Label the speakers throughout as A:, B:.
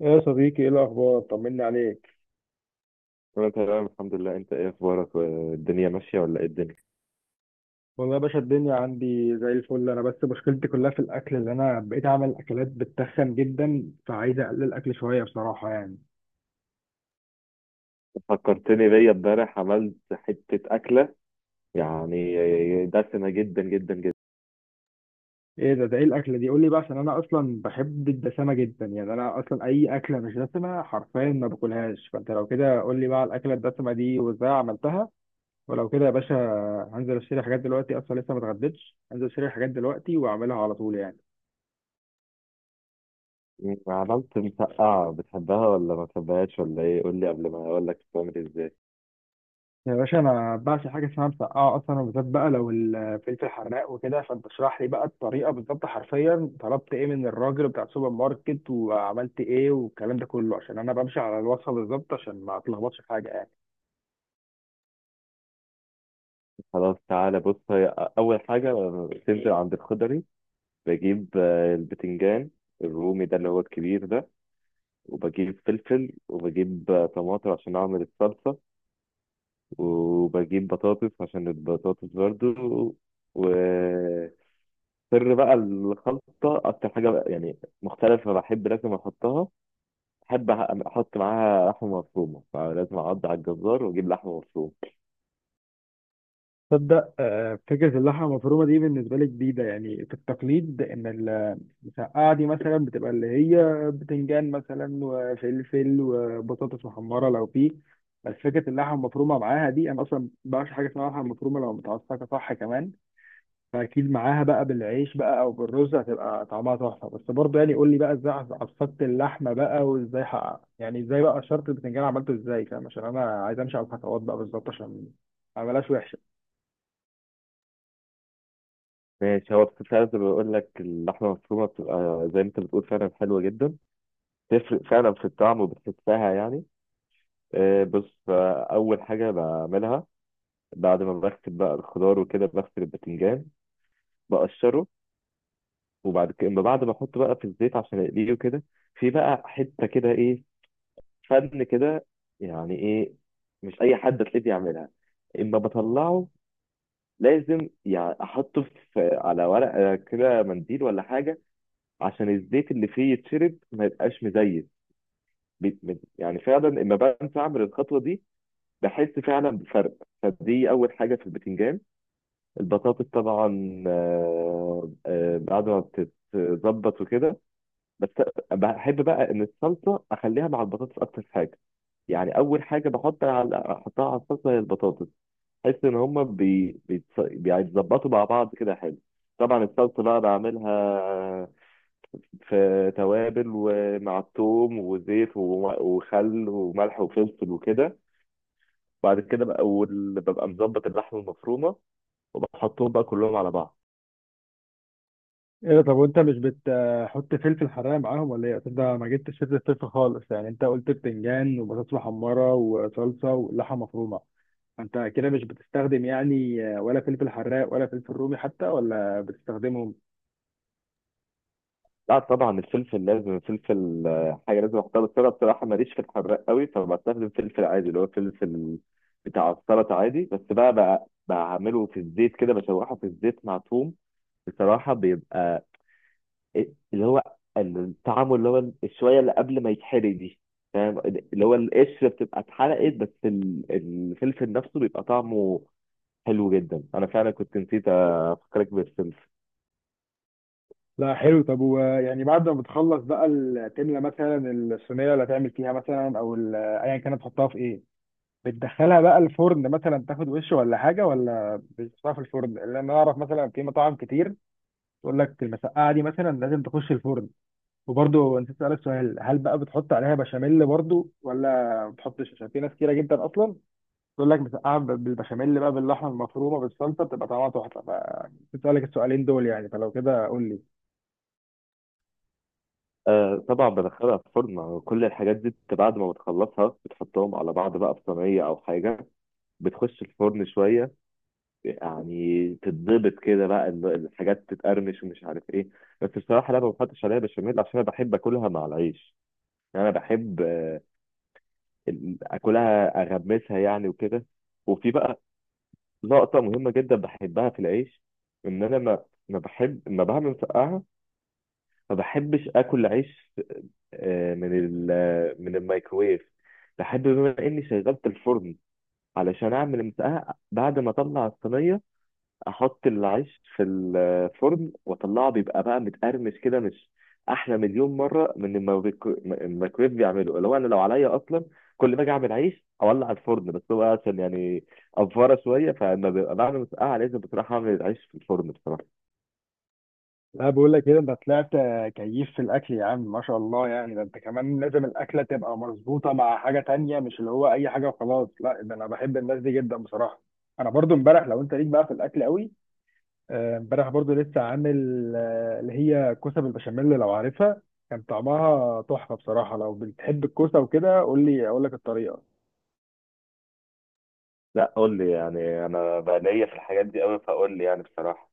A: يا صديقي ايه الاخبار طمني عليك.
B: انا تمام الحمد لله. انت ايه اخبارك؟ والدنيا ماشيه ولا ايه الدنيا؟
A: والله يا باشا الدنيا عندي زي الفل، انا بس مشكلتي كلها في الاكل، اللي انا بقيت اعمل اكلات بتخن جدا، فعايز اقلل الاكل شويه بصراحه يعني.
B: فكرتني، بيا امبارح عملت حته اكله، يعني دسمه جدا جدا جدا.
A: ايه ده، ايه الاكله دي؟ قول لي بقى، عشان انا اصلا بحب الدسمه جدا يعني، انا اصلا اي اكله مش دسمه حرفيا ما باكلهاش، فانت لو كده قول لي بقى على الاكله الدسمه دي وازاي عملتها. ولو كده يا باشا هنزل اشتري حاجات دلوقتي، اصلا لسه ما اتغديتش، هنزل اشتري حاجات دلوقتي واعملها على طول يعني.
B: عملت مسقعه، بتحبها ولا ما بتحبهاش ولا ايه؟ قول لي قبل ما اقول لك بتعمل ازاي.
A: يا باشا انا بعشق حاجه اسمها مسقعه اصلا، وبالذات بقى لو الفلفل حراق وكده، فانت اشرح لي بقى الطريقه بالظبط، حرفيا طلبت ايه من الراجل بتاع السوبر ماركت وعملت ايه والكلام ده كله، عشان انا بمشي على الوصفه بالظبط عشان ما اتلخبطش في حاجه يعني.
B: خلاص تعالى بص، هي اول حاجه تنزل عند الخضري، بجيب البتنجان الرومي ده اللي هو الكبير ده، وبجيب فلفل، وبجيب طماطم عشان اعمل الصلصه، وبجيب بطاطس عشان البطاطس برضو. وسر بقى الخلطة، أكتر حاجة بقى مختلفة بحب لازم أحطها، بحب أحط معاها لحمة مفرومة، فلازم أعض على الجزار وأجيب لحمة مفرومة.
A: تصدق فكرة اللحمة المفرومة دي بالنسبة لي جديدة يعني، في التقليد إن المسقعة دي مثلا بتبقى اللي هي بتنجان مثلا وفلفل وبطاطس محمرة لو فيه، بس فكرة اللحمة المفرومة معاها دي أنا أصلا مبعرفش حاجة اسمها لحمة مفرومة لو متعصقة صح كمان، فأكيد معاها بقى بالعيش بقى أو بالرز هتبقى طعمها تحفة. بس برضه يعني قول لي بقى إزاي عصقت اللحمة بقى وإزاي حقق. يعني إزاي بقى شرط البتنجان عملته إزاي، فاهم؟ عشان أنا عايز أمشي على الخطوات بقى بالظبط عشان ما أعملهاش وحشة.
B: ماشي، هو فعلا زي ما بقول لك اللحمة المفرومة بتبقى زي ما أنت بتقول فعلا حلوة جدا، تفرق فعلا في الطعم وبتحسها يعني. بص، أول حاجة بعملها بعد ما بغسل بقى الخضار وكده، بغسل الباذنجان بقشره، وبعد كده أما بعد ما احطه بقى في الزيت عشان اقليه وكده، في بقى حته كده ايه، فن كده، يعني ايه، مش اي حد تلاقيه بيعملها. اما بطلعه لازم يعني احطه في على ورقه كده منديل ولا حاجه عشان الزيت اللي فيه يتشرب ما يبقاش مزيت. يعني فعلا اما بنسى اعمل الخطوه دي بحس فعلا بفرق. فدي اول حاجه في البتنجان. البطاطس طبعا بعد ما بتتظبط وكده، بس بحب بقى ان الصلصه اخليها مع البطاطس اكتر حاجه، يعني اول حاجه بحط احطها على الصلصه هي البطاطس. بحس ان هما بيتظبطوا مع بعض كده حلو. طبعا الصلصه بقى بعملها في توابل، ومع الثوم وزيت وخل وملح وفلفل وكده. بعد كده بقى ببقى مظبط اللحمه المفرومه وبحطهم بقى كلهم على بعض.
A: ايه ده، طب وانت مش بتحط فلفل حراق معاهم ولا ايه؟ أصل ده ما جبتش سيره الفلفل خالص يعني، انت قلت بتنجان وبطاطس محمره وصلصه ولحمه مفرومه، انت كده مش بتستخدم يعني ولا فلفل حراق ولا فلفل رومي حتى، ولا بتستخدمهم؟
B: لا طبعا الفلفل، لازم الفلفل حاجه لازم احطها، بس انا بصراحه ماليش في الحراق قوي، فبستخدم فلفل عادي اللي هو فلفل بتاع السلطه عادي، بس بقى بعمله في الزيت كده، بشوحه في الزيت مع توم. بصراحه بيبقى إيه- اللي هو الطعم، اللي هو الشويه اللي قبل ما يتحرق دي، فاهم؟ اللي هو القشره بتبقى اتحرقت، بس الفلفل نفسه بيبقى طعمه حلو جدا. انا فعلا كنت نسيت افكرك بالفلفل.
A: لا حلو. طب ويعني بعد ما بتخلص بقى تملى مثلا الصينيه اللي هتعمل فيها مثلا، او ايا كانت تحطها في ايه؟ بتدخلها بقى الفرن مثلا تاخد وش ولا حاجه، ولا بتحطها في الفرن؟ لان انا اعرف مثلا في مطاعم كتير تقول لك المسقعه دي مثلا لازم تخش الفرن. وبرضه نسيت اسالك سؤال، هل بقى بتحط عليها بشاميل برضه ولا ما بتحطش؟ عشان في ناس كتيره جدا اصلا تقول لك مسقعه بالبشاميل بقى باللحمه المفرومه بالصلصه بتبقى طعمها تحفه، فنسيت اسالك السؤالين دول يعني، فلو كده قول لي.
B: آه طبعا بدخلها في فرن، كل الحاجات دي بعد ما بتخلصها بتحطهم على بعض بقى في صينية أو حاجة، بتخش الفرن شوية، يعني تتضبط كده بقى الحاجات تتقرمش ومش عارف إيه. بس بصراحة لا، ما بحطش عليها بشاميل، عشان أنا بحب آكلها مع العيش. يعني أنا بحب آكلها أغمسها يعني وكده. وفي بقى لقطة مهمة جدا بحبها في العيش، إن أنا ما بعمل مسقعة ما بحبش اكل عيش آه، من ال- آه، من الميكروويف. بحب بما اني شغلت الفرن علشان اعمل مسقعه، بعد ما اطلع الصينيه احط العيش في الفرن واطلعه، بيبقى بقى متقرمش كده، مش احلى مليون مره من الميكروويف بيعمله؟ اللي هو انا لو عليا اصلا كل ما اجي اعمل عيش اولع الفرن، بس هو عشان يعني افاره شويه، فلما ببقى بعمل مسقعه لازم بصراحه اعمل العيش في الفرن بصراحه.
A: لا بقول لك كده انت طلعت كيف في الاكل يا عم، ما شاء الله يعني، ده انت كمان لازم الاكله تبقى مظبوطه مع حاجه تانية، مش اللي هو اي حاجه وخلاص، لا ده انا بحب الناس دي جدا بصراحه. انا برضو امبارح، لو انت ليك بقى في الاكل قوي، امبارح برضو لسه عامل اللي هي كوسه بالبشاميل لو عارفها، كان طعمها تحفه بصراحه، لو بتحب الكوسه وكده قول لي اقول لك الطريقه.
B: لا قول لي، يعني انا بقى ليا في الحاجات دي قوي، فقول لي يعني بصراحه.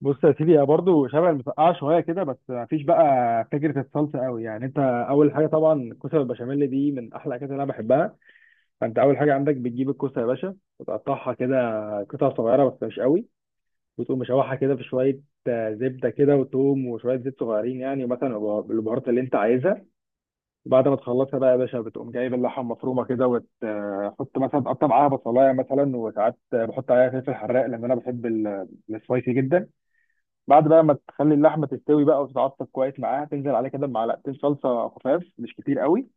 A: بص يا سيدي، هي برضو شبه المسقعه شويه كده بس ما فيش بقى فكره الصلصه قوي يعني، انت اول حاجه طبعا الكوسه بالبشاميل دي من احلى الاكلات اللي انا بحبها، فانت اول حاجه عندك بتجيب الكوسه يا باشا وتقطعها كده قطع صغيره بس مش قوي، وتقوم مشوحها كده في شويه زبده كده وتوم وشويه زيت صغيرين يعني، مثلا البهارات اللي انت عايزها. وبعد ما تخلصها بقى يا باشا بتقوم جايب اللحمه المفرومه كده وتحط مثلا، تقطع معاها بصلايه مثلا، وساعات بحط عليها فلفل حراق لان انا بحب السبايسي جدا. بعد بقى ما تخلي اللحمه تستوي بقى وتتعصب كويس معاها، تنزل عليها كده بمعلقتين صلصه خفاف مش كتير قوي،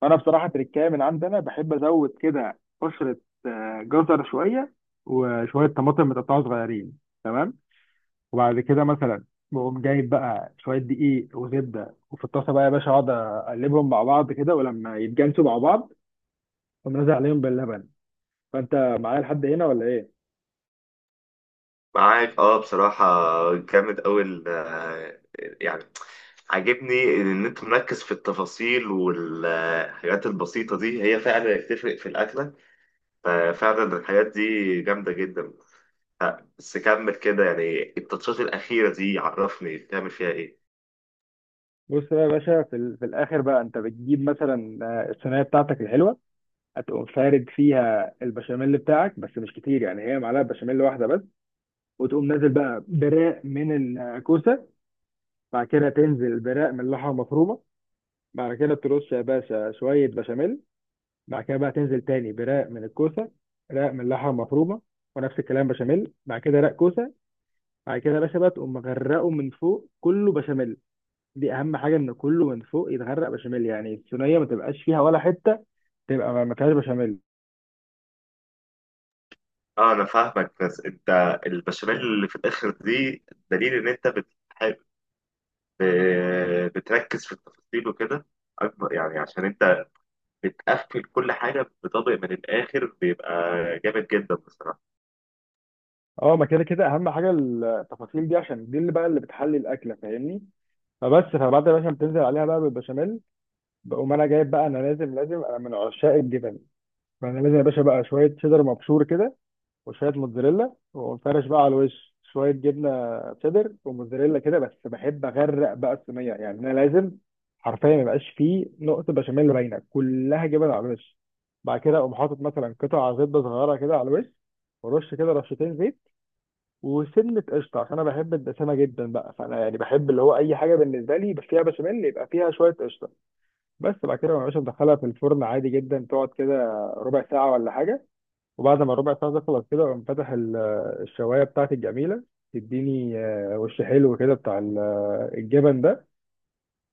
A: فانا بصراحه تركايه من عندنا بحب ازود كده قشره، جزر شويه وشويه طماطم متقطعه صغيرين، تمام؟ وبعد كده مثلا بقوم جايب بقى شويه دقيق وزبده، وفي الطاسه بقى يا باشا اقعد اقلبهم مع بعض كده، ولما يتجانسوا مع بعض اقوم نازل عليهم باللبن. فانت معايا لحد هنا ولا ايه؟
B: معاك اه بصراحة، جامد أوي يعني عاجبني إن أنت مركز في التفاصيل، والحاجات البسيطة دي هي فعلا بتفرق في الأكلة، ففعلا الحاجات دي جامدة جدا. بس كمل كده، يعني التاتشات الأخيرة دي عرفني بتعمل فيها إيه.
A: بص بقى يا باشا، في الاخر بقى انت بتجيب مثلا الصينيه بتاعتك الحلوه، هتقوم فارد فيها البشاميل بتاعك بس مش كتير يعني، هي معلقه بشاميل واحده بس، وتقوم نازل بقى براق من الكوسه، بعد كده تنزل براق من اللحمه المفرومه، بعد كده ترش يا باشا شويه بشاميل، بعد كده بقى تنزل تاني برق من الكوسه، رق من اللحمه المفرومه، ونفس الكلام بشاميل، بعد كده رق كوسه، بعد كده يا باشا بقى تقوم مغرقه من فوق كله بشاميل. دي اهم حاجه، ان كله من فوق يتغرق بشاميل، يعني الصينيه ما تبقاش فيها ولا حته تبقى ما فيهاش بشاميل.
B: اه أنا فاهمك، بس أنت البشاميل اللي في الآخر دي دليل إن أنت بتحب بتركز في التفاصيل وكده اكبر، يعني عشان انت بتقفل كل حاجه بطبق من الاخر، بيبقى جامد جدا بصراحه.
A: اه ما كده كده اهم حاجه التفاصيل دي، عشان دي اللي بقى اللي بتحلي الاكله، فاهمني؟ فبس فبعد يا باشا ما بتنزل عليها بقى بالبشاميل، بقوم انا جايب بقى، انا لازم انا من عشاق الجبن، فانا لازم يا باشا بقى شويه شيدر مبشور كده وشويه موتزاريلا، وفرش بقى على الوش شويه جبنه شيدر وموتزاريلا كده، بس بحب اغرق بقى الصينيه يعني، انا لازم حرفيا ما يبقاش فيه نقطه بشاميل باينه، كلها جبن على الوش. بعد كده اقوم حاطط مثلا قطع زبده صغيره كده على الوش، ورش كده رشتين زيت وسنه قشطه، عشان انا بحب الدسامه جدا بقى، فانا يعني بحب اللي هو اي حاجه بالنسبه لي فيها بشاميل يبقى فيها شويه قشطه. بس بعد كده ما بقاش مدخلها في الفرن عادي جدا، تقعد كده ربع ساعه ولا حاجه، وبعد ما الربع ساعة تخلص كده أقوم فاتح الشواية بتاعتي الجميلة، تديني وش حلو كده بتاع الجبن ده،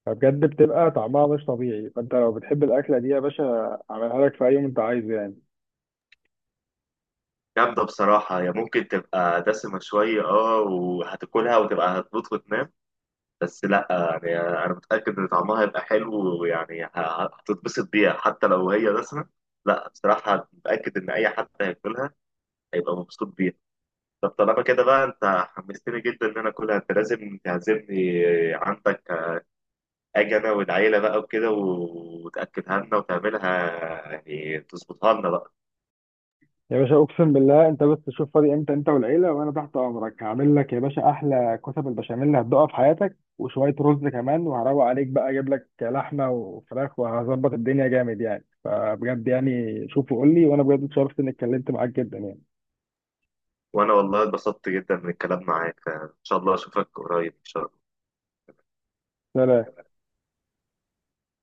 A: فبجد بتبقى طعمها مش طبيعي. فأنت لو بتحب الأكلة دي يا باشا أعملها لك في أي يوم أنت عايزه يعني.
B: جامده بصراحه، هي ممكن تبقى دسمه شويه اه، وهتاكلها وتبقى هتموت وتنام، بس لا يعني انا متاكد ان طعمها هيبقى حلو، ويعني هتتبسط بيها حتى لو هي دسمه. لا بصراحه متاكد ان اي حد هياكلها هيبقى مبسوط بيها. طب طالما كده بقى، انت حمستني جدا ان انا اكلها، انت لازم تعزمني عندك، اجي انا والعيله بقى وكده وتاكدها لنا وتعملها، يعني تظبطها لنا بقى.
A: يا باشا أقسم بالله، أنت بس تشوف فاضي إمتى أنت والعيلة وأنا تحت أمرك، هعمل لك يا باشا أحلى كتب البشاميل هتدوقها في حياتك، وشوية رز كمان، وهروق عليك بقى أجيب لك لحمة وفراخ وهظبط الدنيا جامد يعني. فبجد يعني شوف وقول لي، وأنا بجد اتشرفت إني اتكلمت معاك جدا يعني.
B: وانا والله اتبسطت جدا من الكلام معاك، ان شاء الله اشوفك قريب ان شاء الله.
A: سلام.